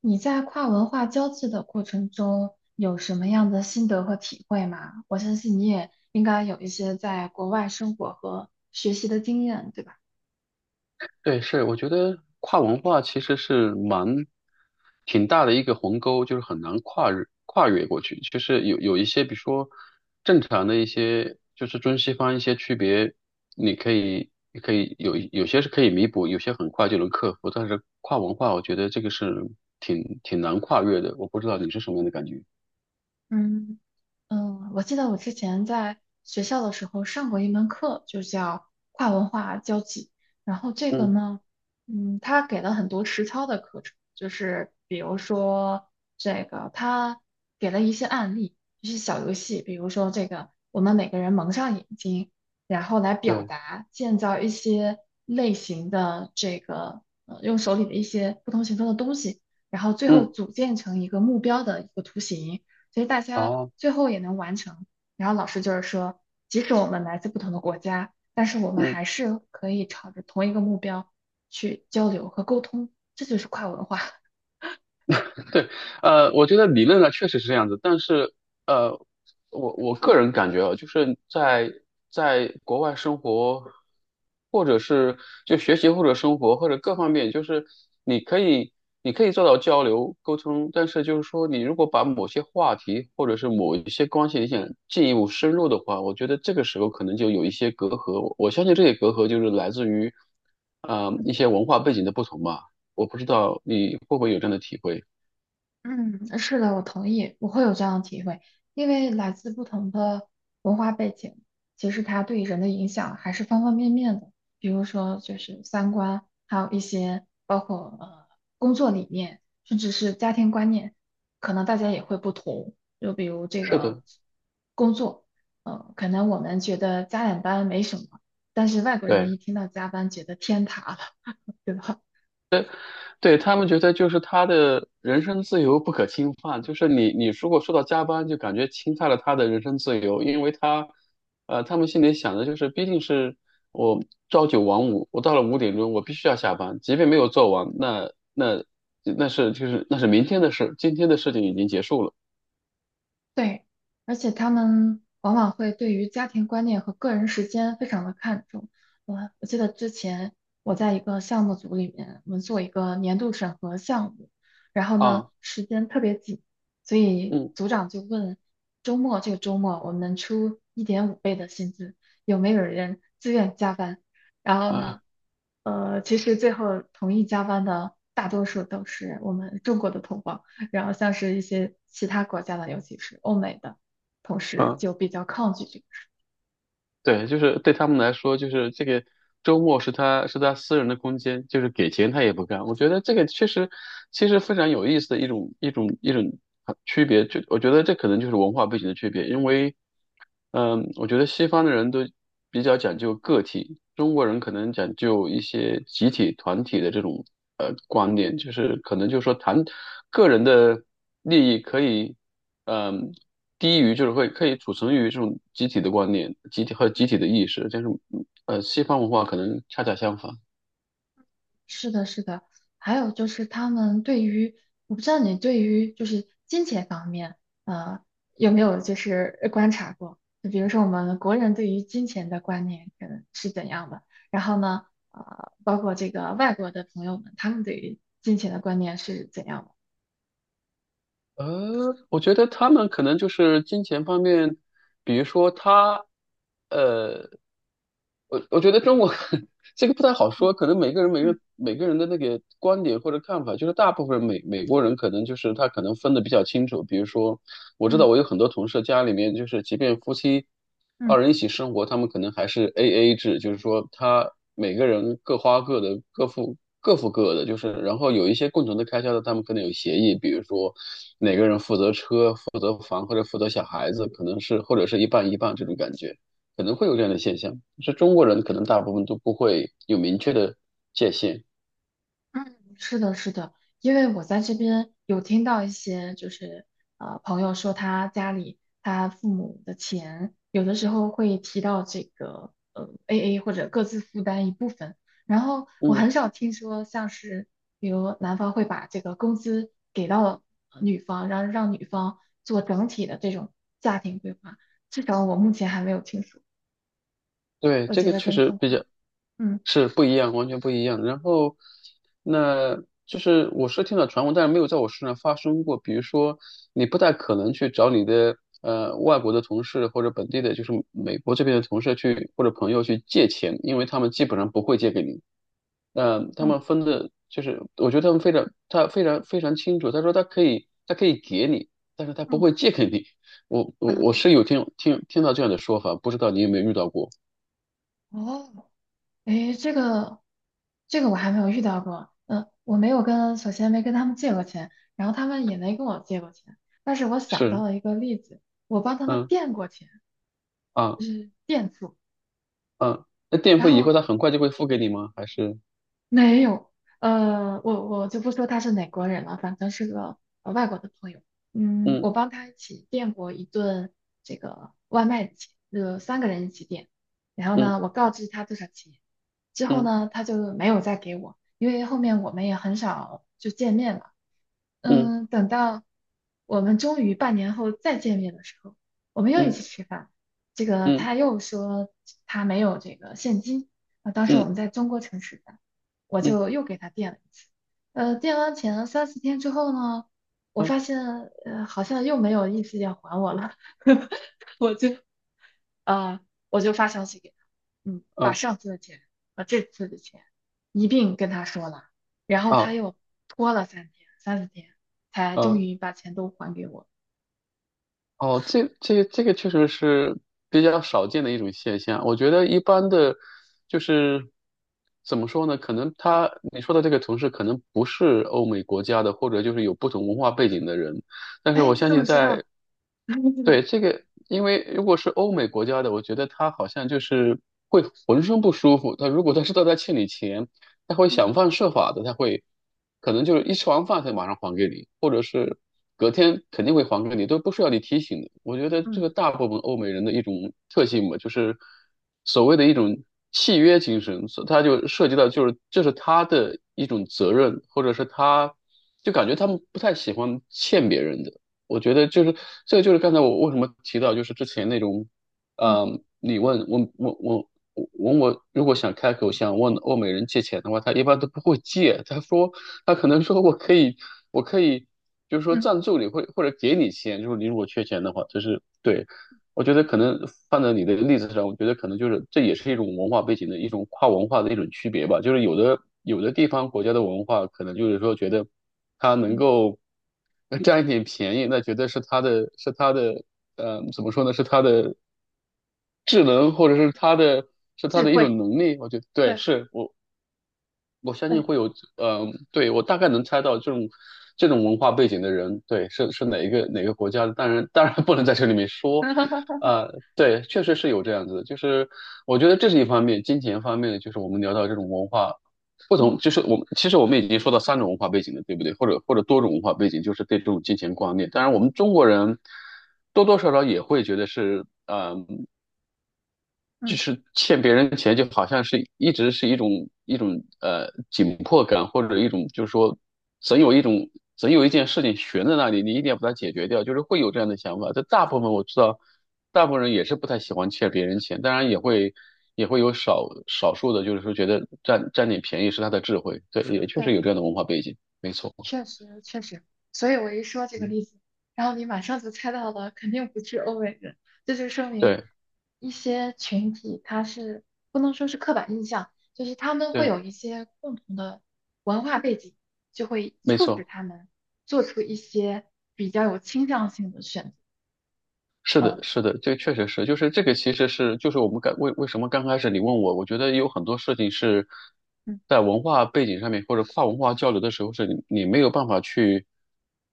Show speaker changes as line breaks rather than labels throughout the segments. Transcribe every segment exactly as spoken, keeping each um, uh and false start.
你在跨文化交际的过程中有什么样的心得和体会吗？我相信你也应该有一些在国外生活和学习的经验，对吧？
对，是，我觉得跨文化其实是蛮挺大的一个鸿沟，就是很难跨越跨越过去。就是有有一些，比如说正常的一些，就是中西方一些区别，你可以你可以有有些是可以弥补，有些很快就能克服。但是跨文化，我觉得这个是挺挺难跨越的。我不知道你是什么样的感觉？
嗯。嗯，我记得我之前在学校的时候上过一门课，就叫跨文化交际。然后这个
嗯，
呢，嗯，他给了很多实操的课程，就是比如说这个，他给了一些案例，一些小游戏，比如说这个，我们每个人蒙上眼睛，然后来表
对，
达，建造一些类型的这个，呃，用手里的一些不同形状的东西，然后最后
嗯，
组建成一个目标的一个图形。所以大家
好，
最后也能完成。然后老师就是说，即使我们来自不同的国家，但是我们
嗯。
还是可以朝着同一个目标去交流和沟通，这就是跨文化。
对，呃，我觉得理论上确实是这样子，但是，呃，我我个人感觉啊，就是在在国外生活，或者是就学习或者生活或者各方面，就是你可以你可以做到交流沟通，但是就是说，你如果把某些话题或者是某一些关系你想进一步深入的话，我觉得这个时候可能就有一些隔阂。我我相信这些隔阂就是来自于，呃，一些文化背景的不同吧。我不知道你会不会有这样的体会。
嗯，是的，我同意，我会有这样的体会，因为来自不同的文化背景，其实它对人的影响还是方方面面的，比如说就是三观，还有一些包括呃工作理念，甚至是家庭观念，可能大家也会不同。就比如这
是
个
的，
工作，呃，可能我们觉得加点班没什么，但是外国
对
人一听到加班，觉得天塌了，对吧？
对，他们觉得就是他的人身自由不可侵犯，就是你你如果说到加班，就感觉侵犯了他的人身自由，因为他，呃，他们心里想的就是，毕竟是我朝九晚五，我到了五点钟我必须要下班，即便没有做完，那那那是就是那是明天的事，今天的事情已经结束了
对，而且他们往往会对于家庭观念和个人时间非常的看重。我我记得之前我在一个项目组里面，我们做一个年度审核项目，然后呢
啊。
时间特别紧，所以
嗯
组长就问周末这个周末我们出一点五倍的薪资，有没有人自愿加班？然后呢，
啊。
呃，其实最后同意加班的大多数都是我们中国的同胞，然后像是一些其他国家的，尤其是欧美的同事
啊，
就比较抗拒这个事。
对，就是对他们来说，就是这个周末是他是他私人的空间，就是给钱他也不干。我觉得这个确实其实非常有意思的一种一种一种啊区别，就我觉得这可能就是文化背景的区别，因为嗯，我觉得西方的人都比较讲究个体，中国人可能讲究一些集体团体的这种呃观念，就是可能就是说谈个人的利益可以。嗯，低于就是会可以储存于这种集体的观念、集体和集体的意识，但是嗯呃，西方文化可能恰恰相反。
是的，是的。还有就是他们对于，我不知道你对于就是金钱方面，呃，有没有就是呃观察过？就比如说我们国人对于金钱的观念可能是怎样的，然后呢，呃，包括这个外国的朋友们，他们对于金钱的观念是怎样的？
呃，我觉得他们可能就是金钱方面，比如说他，呃，我我觉得中国 这个不太好说，可能每个人每个
嗯
每个人的那个观点或者看法，就是大部分美美国人可能就是他可能分的比较清楚。比如说，我知
嗯
道我有很多同事家里面就是，即便夫妻二
嗯。
人一起生活，他们可能还是 A A 制，就是说他每个人各花各的，各付各付各的，就是然后有一些共同的开销的，他们可能有协议，比如说哪个人负责车、负责房或者负责小孩子，可能是或者是一半一半这种感觉。可能会有这样的现象，是中国人可能大部分都不会有明确的界限。
嗯，是的，是的，因为我在这边有听到一些，就是呃，朋友说他家里他父母的钱，有的时候会提到这个呃 A A 或者各自负担一部分，然后我
嗯，
很少听说像是比如男方会把这个工资给到呃女方，然后让女方做整体的这种家庭规划，至少我目前还没有听说，
对，
我
这
觉
个
得
确
跟
实
中
比
国，
较
嗯，
是不一样，完全不一样。然后，那就是我是听到传闻，但是没有在我身上发生过。比如说，你不太可能去找你的呃外国的同事或者本地的，就是美国这边的同事去或者朋友去借钱，因为他们基本上不会借给你。呃，他
哦，
们分的，就是我觉得他们非常，他非常非常清楚。他说他可以，他可以给你，但是他不
嗯
会借给你。我我
啊，
我是有听听听到这样的说法，不知道你有没有遇到过？
哦。诶，这个这个我还没有遇到过。嗯，我没有跟，首先没跟他们借过钱，然后他们也没跟我借过钱。但是我想到
是，
了一个例子，我帮他们
嗯，
垫过钱，
啊，
就是垫付。
啊，那垫
然
付以后
后
他很快就会付给你吗？还是？
没有，呃，我我就不说他是哪国人了，反正是个呃外国的朋友。嗯，
嗯，
我帮他一起垫过一顿这个外卖的钱，呃，三个人一起点。然后
嗯，
呢，我告知他多少钱，之后
嗯，
呢，他就没有再给我，因为后面我们也很少就见面了。
嗯，
嗯，等到我们终于半年后再见面的时候，我们又一起
嗯，
吃饭。这个
嗯，
他又说他没有这个现金啊，当时我
嗯，
们在中国城吃饭，我
嗯，嗯，
就又给他垫了一次。呃，垫完钱三四天之后呢，我发
啊，
现呃好像又没有意思要还我了，我就呃，我就发消息给他，嗯，把
啊，
上次的钱和这次的钱一并跟他说了，然后他
啊，
又拖了三天、三四天，才终
啊？
于把钱都还给我。
哦，这这这个确实是比较少见的一种现象。我觉得一般的，就是怎么说呢？可能他你说的这个同事可能不是欧美国家的，或者就是有不同文化背景的人。但是
哎，
我
你
相
怎么
信
知道？
在，对，这个，因为如果是欧美国家的，我觉得他好像就是会浑身不舒服。他如果他知道他欠你钱，他会
嗯嗯
想方设法的，他会可能就是一吃完饭他马上还给你，或者是隔天肯定会还给你，都不需要你提醒的。我觉得这
嗯
个大部分欧美人的一种特性吧，就是所谓的一种契约精神，所他就涉及到就是这是他的一种责任，或者是他就感觉他们不太喜欢欠别人的。我觉得就是这个，就是刚才我为什么提到，就是之前那种，
嗯
嗯，你问我我我我问我，如果想开口想问欧美人借钱的话，他一般都不会借，他说他可能说我可以，我可以，就是说
嗯
赞助你，或或者给你钱，就是你如果缺钱的话，就是对。我觉得可能放在你的例子上，我觉得可能就是这也是一种文化背景的一种跨文化的一种区别吧。就是有的有的地方国家的文化，可能就是说觉得它能
嗯，
够 占一点便宜，那觉得是它的是它的呃怎么说呢？是它的智能或者是它的是它
智
的一
慧，
种能力。我觉得对，
对
是我我相信
对，
会有，嗯、对，我大概能猜到这种这种文化背景的人，对，是是哪一个哪个国家的？当然，当然不能在这里面 说，
嗯
呃，对，确实是有这样子的，就是我觉得这是一方面，金钱方面的，就是我们聊到这种文化不同，
嗯
就是我们其实我们已经说到三种文化背景了，对不对？或者或者多种文化背景，就是对这种金钱观念。当然，我们中国人多多少少也会觉得是，呃，就
嗯。
是欠别人钱，就好像是一直是一种一种呃紧迫感，或者一种就是说，总有一种总有一件事情悬在那里，你一定要把它解决掉，就是会有这样的想法。但大部分我知道，大部分人也是不太喜欢欠别人钱，当然也会也会有少少数的，就是说觉得占占点便宜是他的智慧，对，也确实
对。
有这样的文化背景，没错，
确实确实，所以我一说这个例子，然后你马上就猜到了，肯定不是欧美人，这就说明
对
一些群体他是不能说是刻板印象，就是他们会
对，
有一些共同的文化背景，就会
没
促使
错。
他们做出一些比较有倾向性的选择。
是的，
呃
是的，这确实是，就是这个其实是，就是我们刚为为什么刚开始你问我，我觉得有很多事情是
嗯
在文化背景上面或者跨文化交流的时候，是你你没有办法去，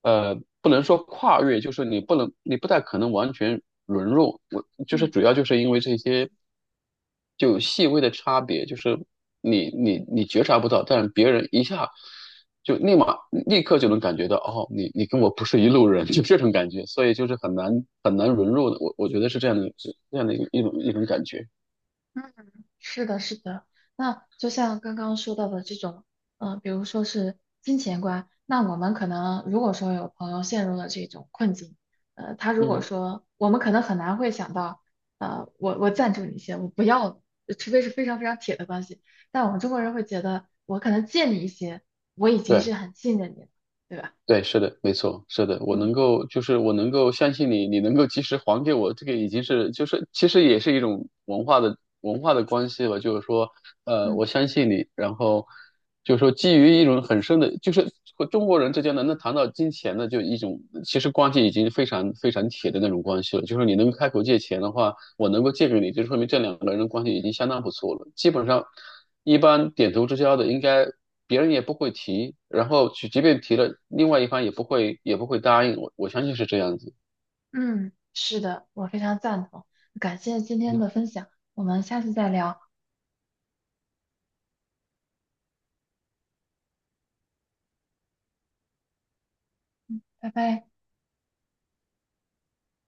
呃，不能说跨越，就是你不能，你不太可能完全融入，我就是
嗯。
主要就是因为这些。就有细微的差别，就是你你你觉察不到，但别人一下就立马立刻就能感觉到，哦，你你跟我不是一路人，就这种感觉，所以就是很难很难融入的，我我觉得是这样的，是这样的一个一种一种感觉，
嗯，是的，是的。那就像刚刚说到的这种，呃，比如说是金钱观，那我们可能如果说有朋友陷入了这种困境，呃，他如果
嗯，
说我们可能很难会想到，呃，我我赞助你一些，我不要，呃除非是非常非常铁的关系。但我们中国人会觉得，我可能借你一些，我已经
对。
是很信任你了，对吧？
对，是的，没错，是的，我
嗯
能够，就是我能够相信你，你能够及时还给我，这个已经是，就是其实也是一种文化的文化的关系吧，就是说，呃，
嗯，
我相信你，然后就是说基于一种很深的，就是和中国人之间能能谈到金钱的，就一种其实关系已经非常非常铁的那种关系了，就是你能开口借钱的话，我能够借给你，就说明这两个人的关系已经相当不错了，基本上一般点头之交的应该。别人也不会提，然后去，即便提了，另外一方也不会也不会答应。我我相信是这样子。
嗯，是的，我非常赞同。感谢今天的分享，我们下次再聊，拜拜。